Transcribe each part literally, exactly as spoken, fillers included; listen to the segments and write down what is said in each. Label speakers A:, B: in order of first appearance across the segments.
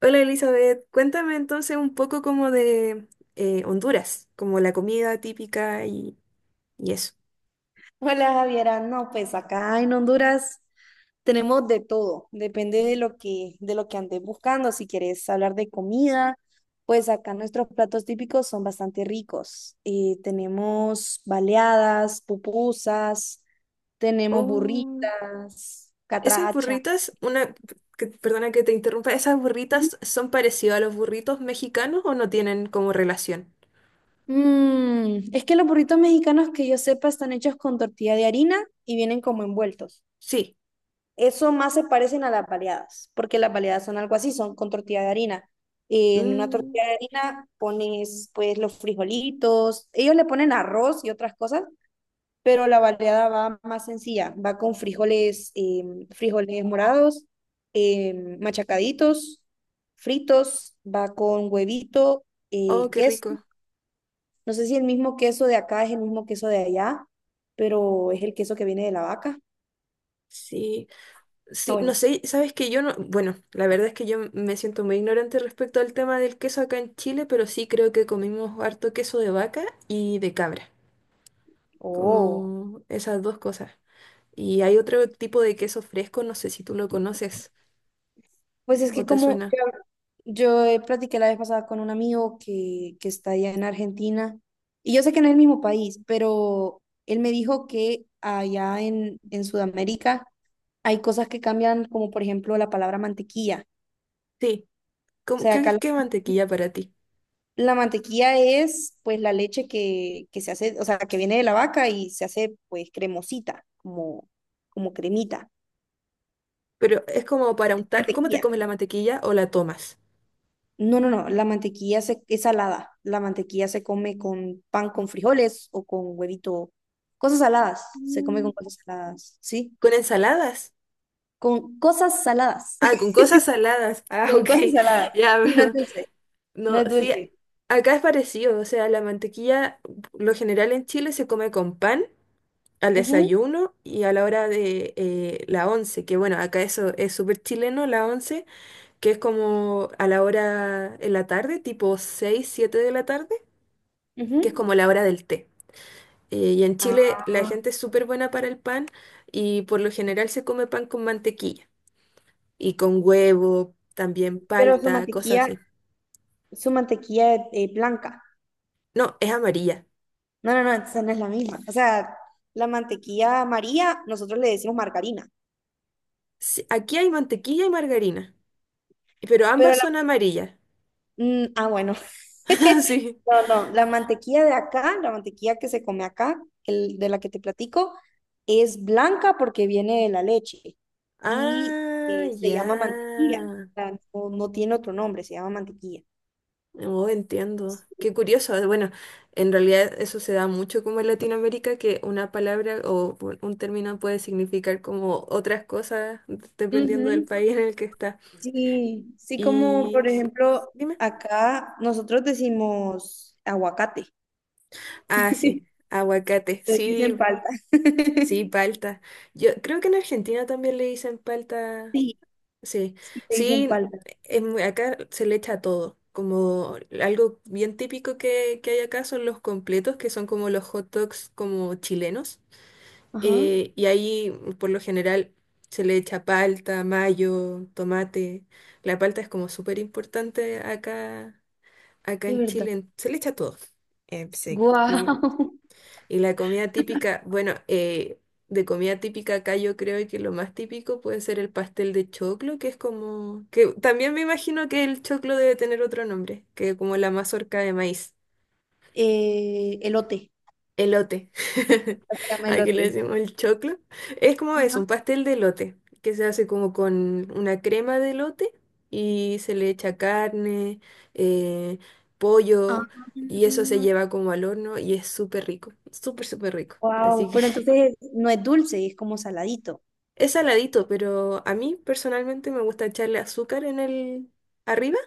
A: Hola Elizabeth, cuéntame entonces un poco como de eh, Honduras, como la comida típica y, y eso.
B: Hola Javiera, no, pues acá en Honduras tenemos de todo, depende de lo que, de lo que andes buscando. Si quieres hablar de comida, pues acá nuestros platos típicos son bastante ricos. Eh, tenemos baleadas, pupusas, tenemos
A: Oh,
B: burritas,
A: esas
B: catracha.
A: burritas, una, que- perdona que te interrumpa, ¿esas burritas son parecidas a los burritos mexicanos o no tienen como relación?
B: Mm, es que los burritos mexicanos que yo sepa están hechos con tortilla de harina y vienen como envueltos.
A: Sí.
B: Eso más se parecen a las baleadas, porque las baleadas son algo así, son con tortilla de harina. En una
A: Mm,
B: tortilla de harina pones pues los frijolitos, ellos le ponen arroz y otras cosas, pero la baleada va más sencilla, va con frijoles, em, frijoles morados, em, machacaditos, fritos, va con huevito,
A: oh,
B: eh,
A: qué
B: queso.
A: rico.
B: No sé si el mismo queso de acá es el mismo queso de allá, pero es el queso que viene de la vaca.
A: Sí,
B: Ah,
A: sí, no
B: bueno.
A: sé, sabes que yo no, bueno, la verdad es que yo me siento muy ignorante respecto al tema del queso acá en Chile, pero sí creo que comimos harto queso de vaca y de cabra.
B: Oh.
A: Como esas dos cosas. Y hay otro tipo de queso fresco, no sé si tú lo conoces
B: Pues es
A: o
B: que
A: te
B: como
A: suena.
B: yo, yo, eh, platiqué la vez pasada con un amigo que, que está allá en Argentina, y yo sé que no es el mismo país, pero él me dijo que allá en, en Sudamérica hay cosas que cambian, como por ejemplo la palabra mantequilla.
A: Sí,
B: O
A: como,
B: sea,
A: ¿qué,
B: acá la,
A: qué mantequilla para ti?
B: la mantequilla es pues la leche que, que se hace, o sea, que viene de la vaca y se hace pues cremosita, como, como cremita.
A: Pero es como para untar, ¿cómo te
B: Mantequilla.
A: comes la mantequilla o la tomas?
B: No, no, no, la mantequilla se, es salada. La mantequilla se come con pan con frijoles o con huevito. Cosas saladas, se come
A: Mm,
B: con cosas saladas, ¿sí?
A: ¿con ensaladas?
B: Con cosas saladas.
A: Ah, con cosas saladas. Ah,
B: Con
A: ok.
B: cosas saladas.
A: Ya,
B: Sí, no es
A: perdón.
B: dulce. No
A: No,
B: es
A: sí,
B: dulce.
A: acá es parecido. O sea, la mantequilla, lo general en Chile se come con pan al
B: Ujú,
A: desayuno y a la hora de eh, la once, que bueno, acá eso es súper chileno, la once, que es como a la hora en la tarde, tipo seis siete de la tarde,
B: ujú.
A: que es como la hora del té. Eh, y en Chile la
B: Ah,
A: gente es súper buena para el pan y por lo general se come pan con mantequilla y con huevo, también
B: pero su
A: palta, cosas
B: mantequilla,
A: así.
B: su mantequilla es eh, blanca.
A: No, es amarilla.
B: No, no, no, esa no es la misma. O sea, la mantequilla amarilla, nosotros le decimos margarina,
A: Sí, aquí hay mantequilla y margarina, pero ambas
B: pero
A: son amarillas.
B: mm, ah, bueno.
A: Sí.
B: No, no, la mantequilla de acá, la mantequilla que se come acá, el de la que te platico, es blanca porque viene de la leche y
A: Ah,
B: eh, se
A: ya.
B: llama mantequilla. O sea, no, no tiene otro nombre, se llama mantequilla.
A: Oh, entiendo. Qué curioso. Bueno, en realidad eso se da mucho como en Latinoamérica, que una palabra o u- un término puede significar como otras cosas dependiendo del
B: Ujú,
A: país en el que está.
B: sí, sí, como
A: Y
B: por
A: sí,
B: ejemplo,
A: dime.
B: acá nosotros decimos aguacate.
A: Ah, sí, aguacate.
B: Ustedes dicen
A: Sí,
B: palta.
A: sí, palta. Yo creo que en Argentina también le dicen palta.
B: Sí,
A: Sí,
B: sí, te dicen
A: sí,
B: palta.
A: es muy- acá se le echa todo. Como algo bien típico que, que hay acá son los completos, que son como los hot dogs como chilenos.
B: Ajá,
A: Eh, y ahí, por lo general, se le echa palta, mayo, tomate. La palta es como súper importante acá, acá
B: de
A: en
B: verdad.
A: Chile. en- Se le echa todo. Eh, sí. Y,
B: Guau.
A: y la comida típica, bueno, eh, de comida típica acá yo creo que lo más típico puede ser el pastel de choclo, que es como, que también me imagino que el choclo debe tener otro nombre, que como la mazorca de maíz.
B: Eh, elote.
A: Elote.
B: Se llama
A: Aquí le
B: elote.
A: decimos el choclo. Es como es,
B: Ajá.
A: un pastel de elote, que se hace como con una crema de elote y se le echa carne, eh, pollo, y eso se lleva como al horno y es súper rico, súper, súper rico. Así
B: Wow,
A: que
B: pero entonces no es dulce, es como saladito.
A: es saladito, pero a mí personalmente me gusta echarle azúcar en el arriba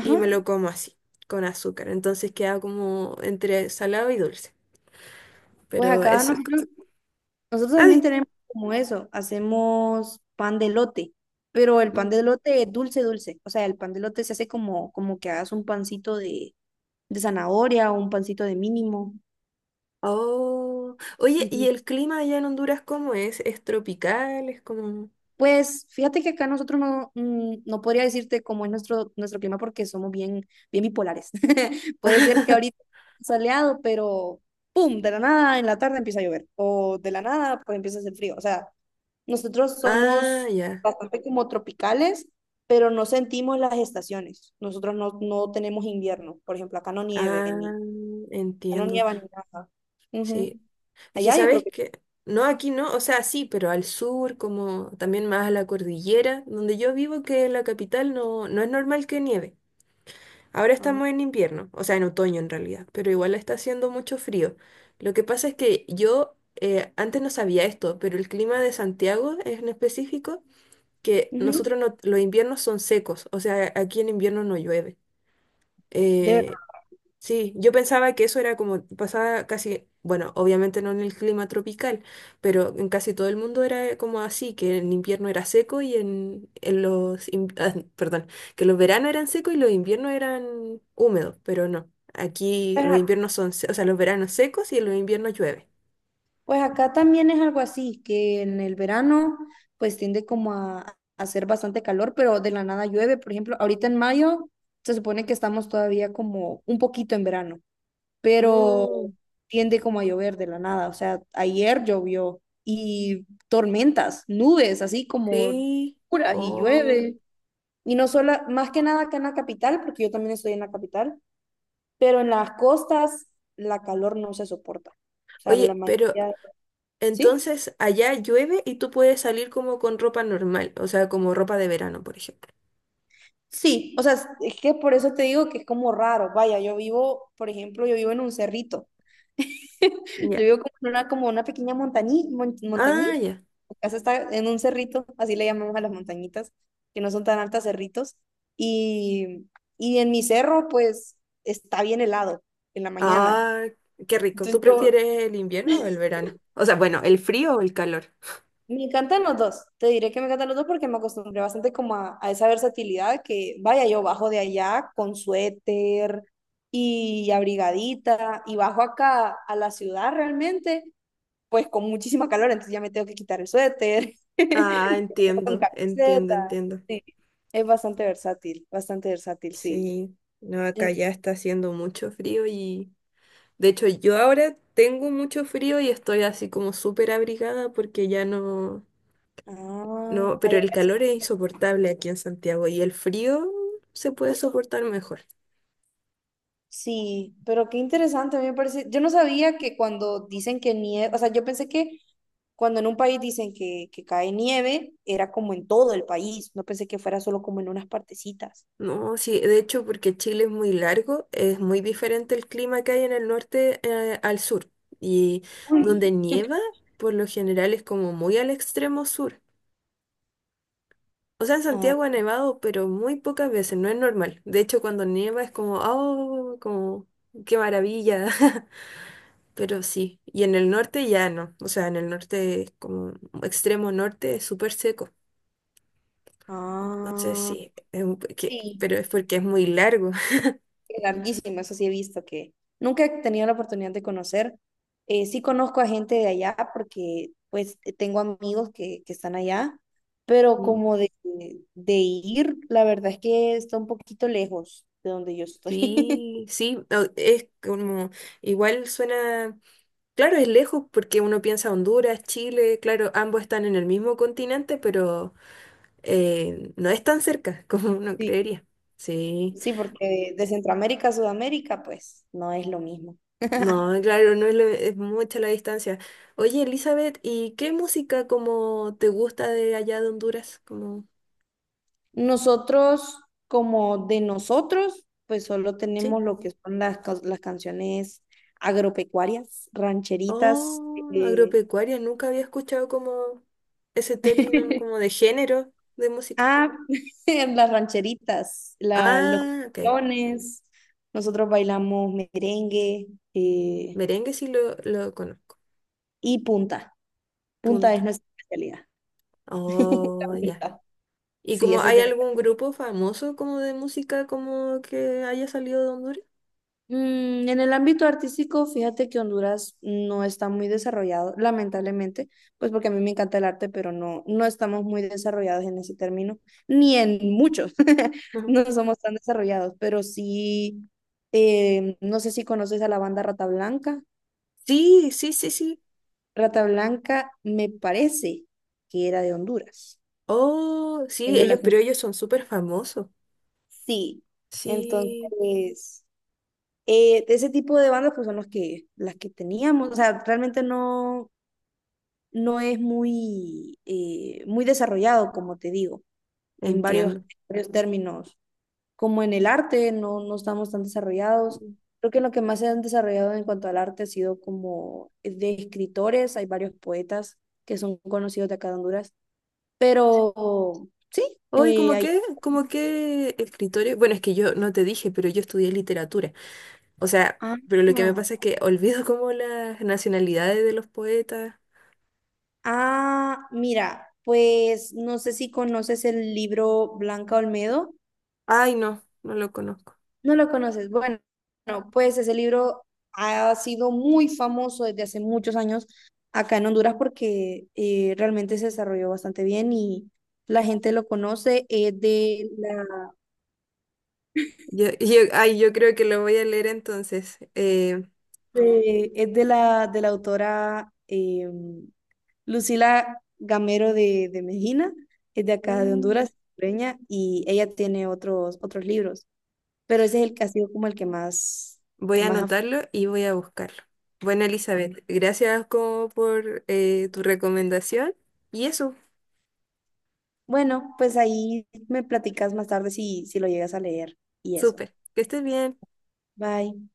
A: y me lo como así, con azúcar. Entonces queda como entre salado y dulce.
B: Pues
A: Pero
B: acá
A: eso, es
B: nosotros, nosotros también
A: ay,
B: tenemos como eso, hacemos pan de elote, pero el pan de
A: mm.
B: elote es dulce, dulce. O sea, el pan de elote se hace como, como que hagas un pancito de, de zanahoria o un pancito de mínimo.
A: Oh, oye, ¿y el clima allá en Honduras cómo es? ¿Es tropical? ¿Es como...?
B: Pues fíjate que acá nosotros no, mm, no podría decirte cómo es nuestro, nuestro clima porque somos bien, bien bipolares. Puede ser que ahorita soleado, pero ¡pum! De la nada en la tarde empieza a llover o de la nada pues empieza a hacer frío. O sea, nosotros
A: Ah,
B: somos
A: ya.
B: bastante como tropicales, pero no sentimos las estaciones. Nosotros no, no tenemos invierno. Por ejemplo, acá no nieve, ni,
A: Ah,
B: acá no
A: entiendo.
B: nieva ni nada. Ujú.
A: Sí. Es que
B: Allá yo creo
A: sabes
B: que...
A: que... No, aquí no, o sea, sí, pero al sur, como también más a la cordillera, donde yo vivo, que en la capital no, no es normal que nieve. Ahora
B: ah,
A: estamos en invierno, o sea, en otoño en realidad, pero igual está haciendo mucho frío. Lo que pasa es que yo eh, antes no sabía esto, pero el clima de Santiago en específico que
B: ujú.
A: nosotros no, los inviernos son secos, o sea, aquí en invierno no llueve.
B: De
A: Eh, sí, yo pensaba que eso era como, pasaba casi, bueno, obviamente no en el clima tropical, pero en casi todo el mundo era como así, que en invierno era seco y en, en los, in- ah, perdón, que los veranos eran secos y los inviernos eran húmedos, pero no. Aquí los
B: verdad.
A: inviernos son, se- o sea, los veranos secos y en los inviernos llueve.
B: Pues acá también es algo así, que en el verano pues tiende como a, a hacer bastante calor, pero de la nada llueve. Por ejemplo, ahorita en mayo se supone que estamos todavía como un poquito en verano, pero
A: Mm,
B: tiende como a llover de la nada. O sea, ayer llovió y tormentas, nubes, así como
A: sí.
B: puras y
A: Oh.
B: llueve. Y no solo, más que nada acá en la capital, porque yo también estoy en la capital, pero en las costas la calor no se soporta. O sea, la
A: Oye, pero
B: mayoría, ¿sí?
A: entonces, allá llueve y tú puedes salir como con ropa normal, o sea, como ropa de verano, por ejemplo.
B: Sí, o sea, es es que por eso te digo que es como raro. Vaya, yo vivo, por ejemplo, yo vivo en un cerrito. Yo
A: Ya.
B: vivo como en una, como una pequeña montañita,
A: Ah,
B: montañita.
A: ya.
B: Mi casa está en un cerrito, así le llamamos a las montañitas, que no son tan altas cerritos. Y, y en mi cerro, pues, está bien helado en la mañana.
A: Ah, qué rico. ¿Tú
B: Entonces yo,
A: prefieres el invierno o el verano? O sea, bueno, ¿el frío o el calor?
B: Me encantan los dos, te diré que me encantan los dos porque me acostumbré bastante como a, a esa versatilidad que vaya yo bajo de allá con suéter y abrigadita y bajo acá a la ciudad realmente pues con muchísima calor, entonces ya me tengo que quitar el suéter y
A: Ah,
B: andar con
A: entiendo, entiendo,
B: camiseta,
A: entiendo.
B: sí, es bastante versátil, bastante versátil, sí.
A: Sí, no, acá
B: Ent-
A: ya está haciendo mucho frío y de hecho yo ahora tengo mucho frío y estoy así como súper abrigada porque ya no,
B: ah,
A: no,
B: ahí
A: pero
B: hay
A: el
B: razón.
A: calor es insoportable aquí en Santiago y el frío se puede soportar mejor.
B: Sí, pero qué interesante, a mí me parece, yo no sabía que cuando dicen que nieva, o sea, yo pensé que cuando en un país dicen que, que cae nieve, era como en todo el país. No pensé que fuera solo como en unas partecitas.
A: No, sí, de hecho, porque Chile es muy largo, es muy diferente el clima que hay en el norte, eh, al sur. Y donde
B: Uy,
A: nieva, por lo general, es como muy al extremo sur. O sea, en
B: ah,
A: Santiago ha nevado, pero muy pocas veces, no es normal. De hecho, cuando nieva es como, oh, como, qué maravilla. Pero sí, y en el norte ya no. O sea, en el norte, es como extremo norte, es súper seco. Entonces
B: ah,
A: sí, es un- que-
B: sí.
A: pero es porque es muy largo.
B: Qué larguísimo, eso sí he visto que nunca he tenido la oportunidad de conocer. Eh, sí conozco a gente de allá porque pues eh, tengo amigos que, que están allá, pero como de, de ir, la verdad es que está un poquito lejos de donde yo estoy.
A: Sí, sí, o- es como, igual suena, claro, es lejos porque uno piensa Honduras, Chile, claro, ambos están en el mismo continente, pero eh, no es tan cerca como uno
B: Sí,
A: creería. Sí,
B: sí, porque de Centroamérica a Sudamérica pues no es lo mismo.
A: no, claro, no es, lo- es mucha la distancia. Oye, Elizabeth, ¿y qué música como te gusta de allá de Honduras? Como,
B: Nosotros, como de nosotros, pues solo
A: sí.
B: tenemos lo que son las, ca- las canciones agropecuarias, rancheritas.
A: Oh,
B: eh,
A: agropecuaria, nunca había escuchado como ese término como de género de música.
B: ah, las rancheritas, la, los
A: Ah, ok.
B: canciones. Nosotros bailamos merengue eh,
A: Merengue sí lo, lo conozco.
B: y punta. Punta es
A: Punta.
B: nuestra especialidad. La
A: Oh, ya.
B: punta.
A: ¿Y
B: Sí,
A: como
B: ese es
A: hay
B: de
A: algún grupo famoso como de música como que haya salido de Honduras?
B: Mm, en el ámbito artístico, fíjate que Honduras no está muy desarrollado, lamentablemente, pues porque a mí me encanta el arte, pero no, no estamos muy desarrollados en ese término, ni en muchos,
A: Ujú.
B: no somos tan desarrollados, pero sí, eh, no sé si conoces a la banda Rata Blanca.
A: Sí, sí, sí, sí.
B: Rata Blanca me parece que era de Honduras.
A: Oh, sí,
B: Tengo la
A: ellos, pero
B: sens-
A: ellos son súper famosos.
B: Sí,
A: Sí,
B: entonces, eh, de ese tipo de bandas pues son los que, las que teníamos, o sea, realmente no no es muy, eh, muy desarrollado, como te digo, en varios,
A: entiendo.
B: varios términos. Como en el arte, no, no estamos tan desarrollados. Creo que lo que más se han desarrollado en cuanto al arte ha sido como de escritores, hay varios poetas que son conocidos de acá de Honduras, pero sí,
A: Hoy,
B: eh,
A: como
B: hay...
A: qué como qué escritorio. Bueno, es que yo no te dije, pero yo estudié literatura. O sea,
B: Ah,
A: pero lo que me pasa es que olvido como las nacionalidades de los poetas.
B: ah, mira, pues no sé si conoces el libro Blanca Olmedo.
A: Ay, no, no lo conozco.
B: No lo conoces. Bueno, no, pues ese libro ha sido muy famoso desde hace muchos años acá en Honduras porque eh, realmente se desarrolló bastante bien y la gente lo conoce. Es de la,
A: Yo, yo, ay, yo creo que lo voy a leer entonces. Eh,
B: de- es de la, de la autora eh, Lucila Gamero de, de Mejina, es de acá de
A: mm,
B: Honduras, hondureña, y ella tiene otros, otros libros, pero ese es el que ha sido como el que más,
A: voy a
B: más ha
A: anotarlo y voy a buscarlo. Bueno, Elizabeth, gracias como por eh, tu recomendación. Y eso,
B: bueno, pues ahí me platicas más tarde si, si lo llegas a leer y eso.
A: súper. Que estés bien.
B: Bye.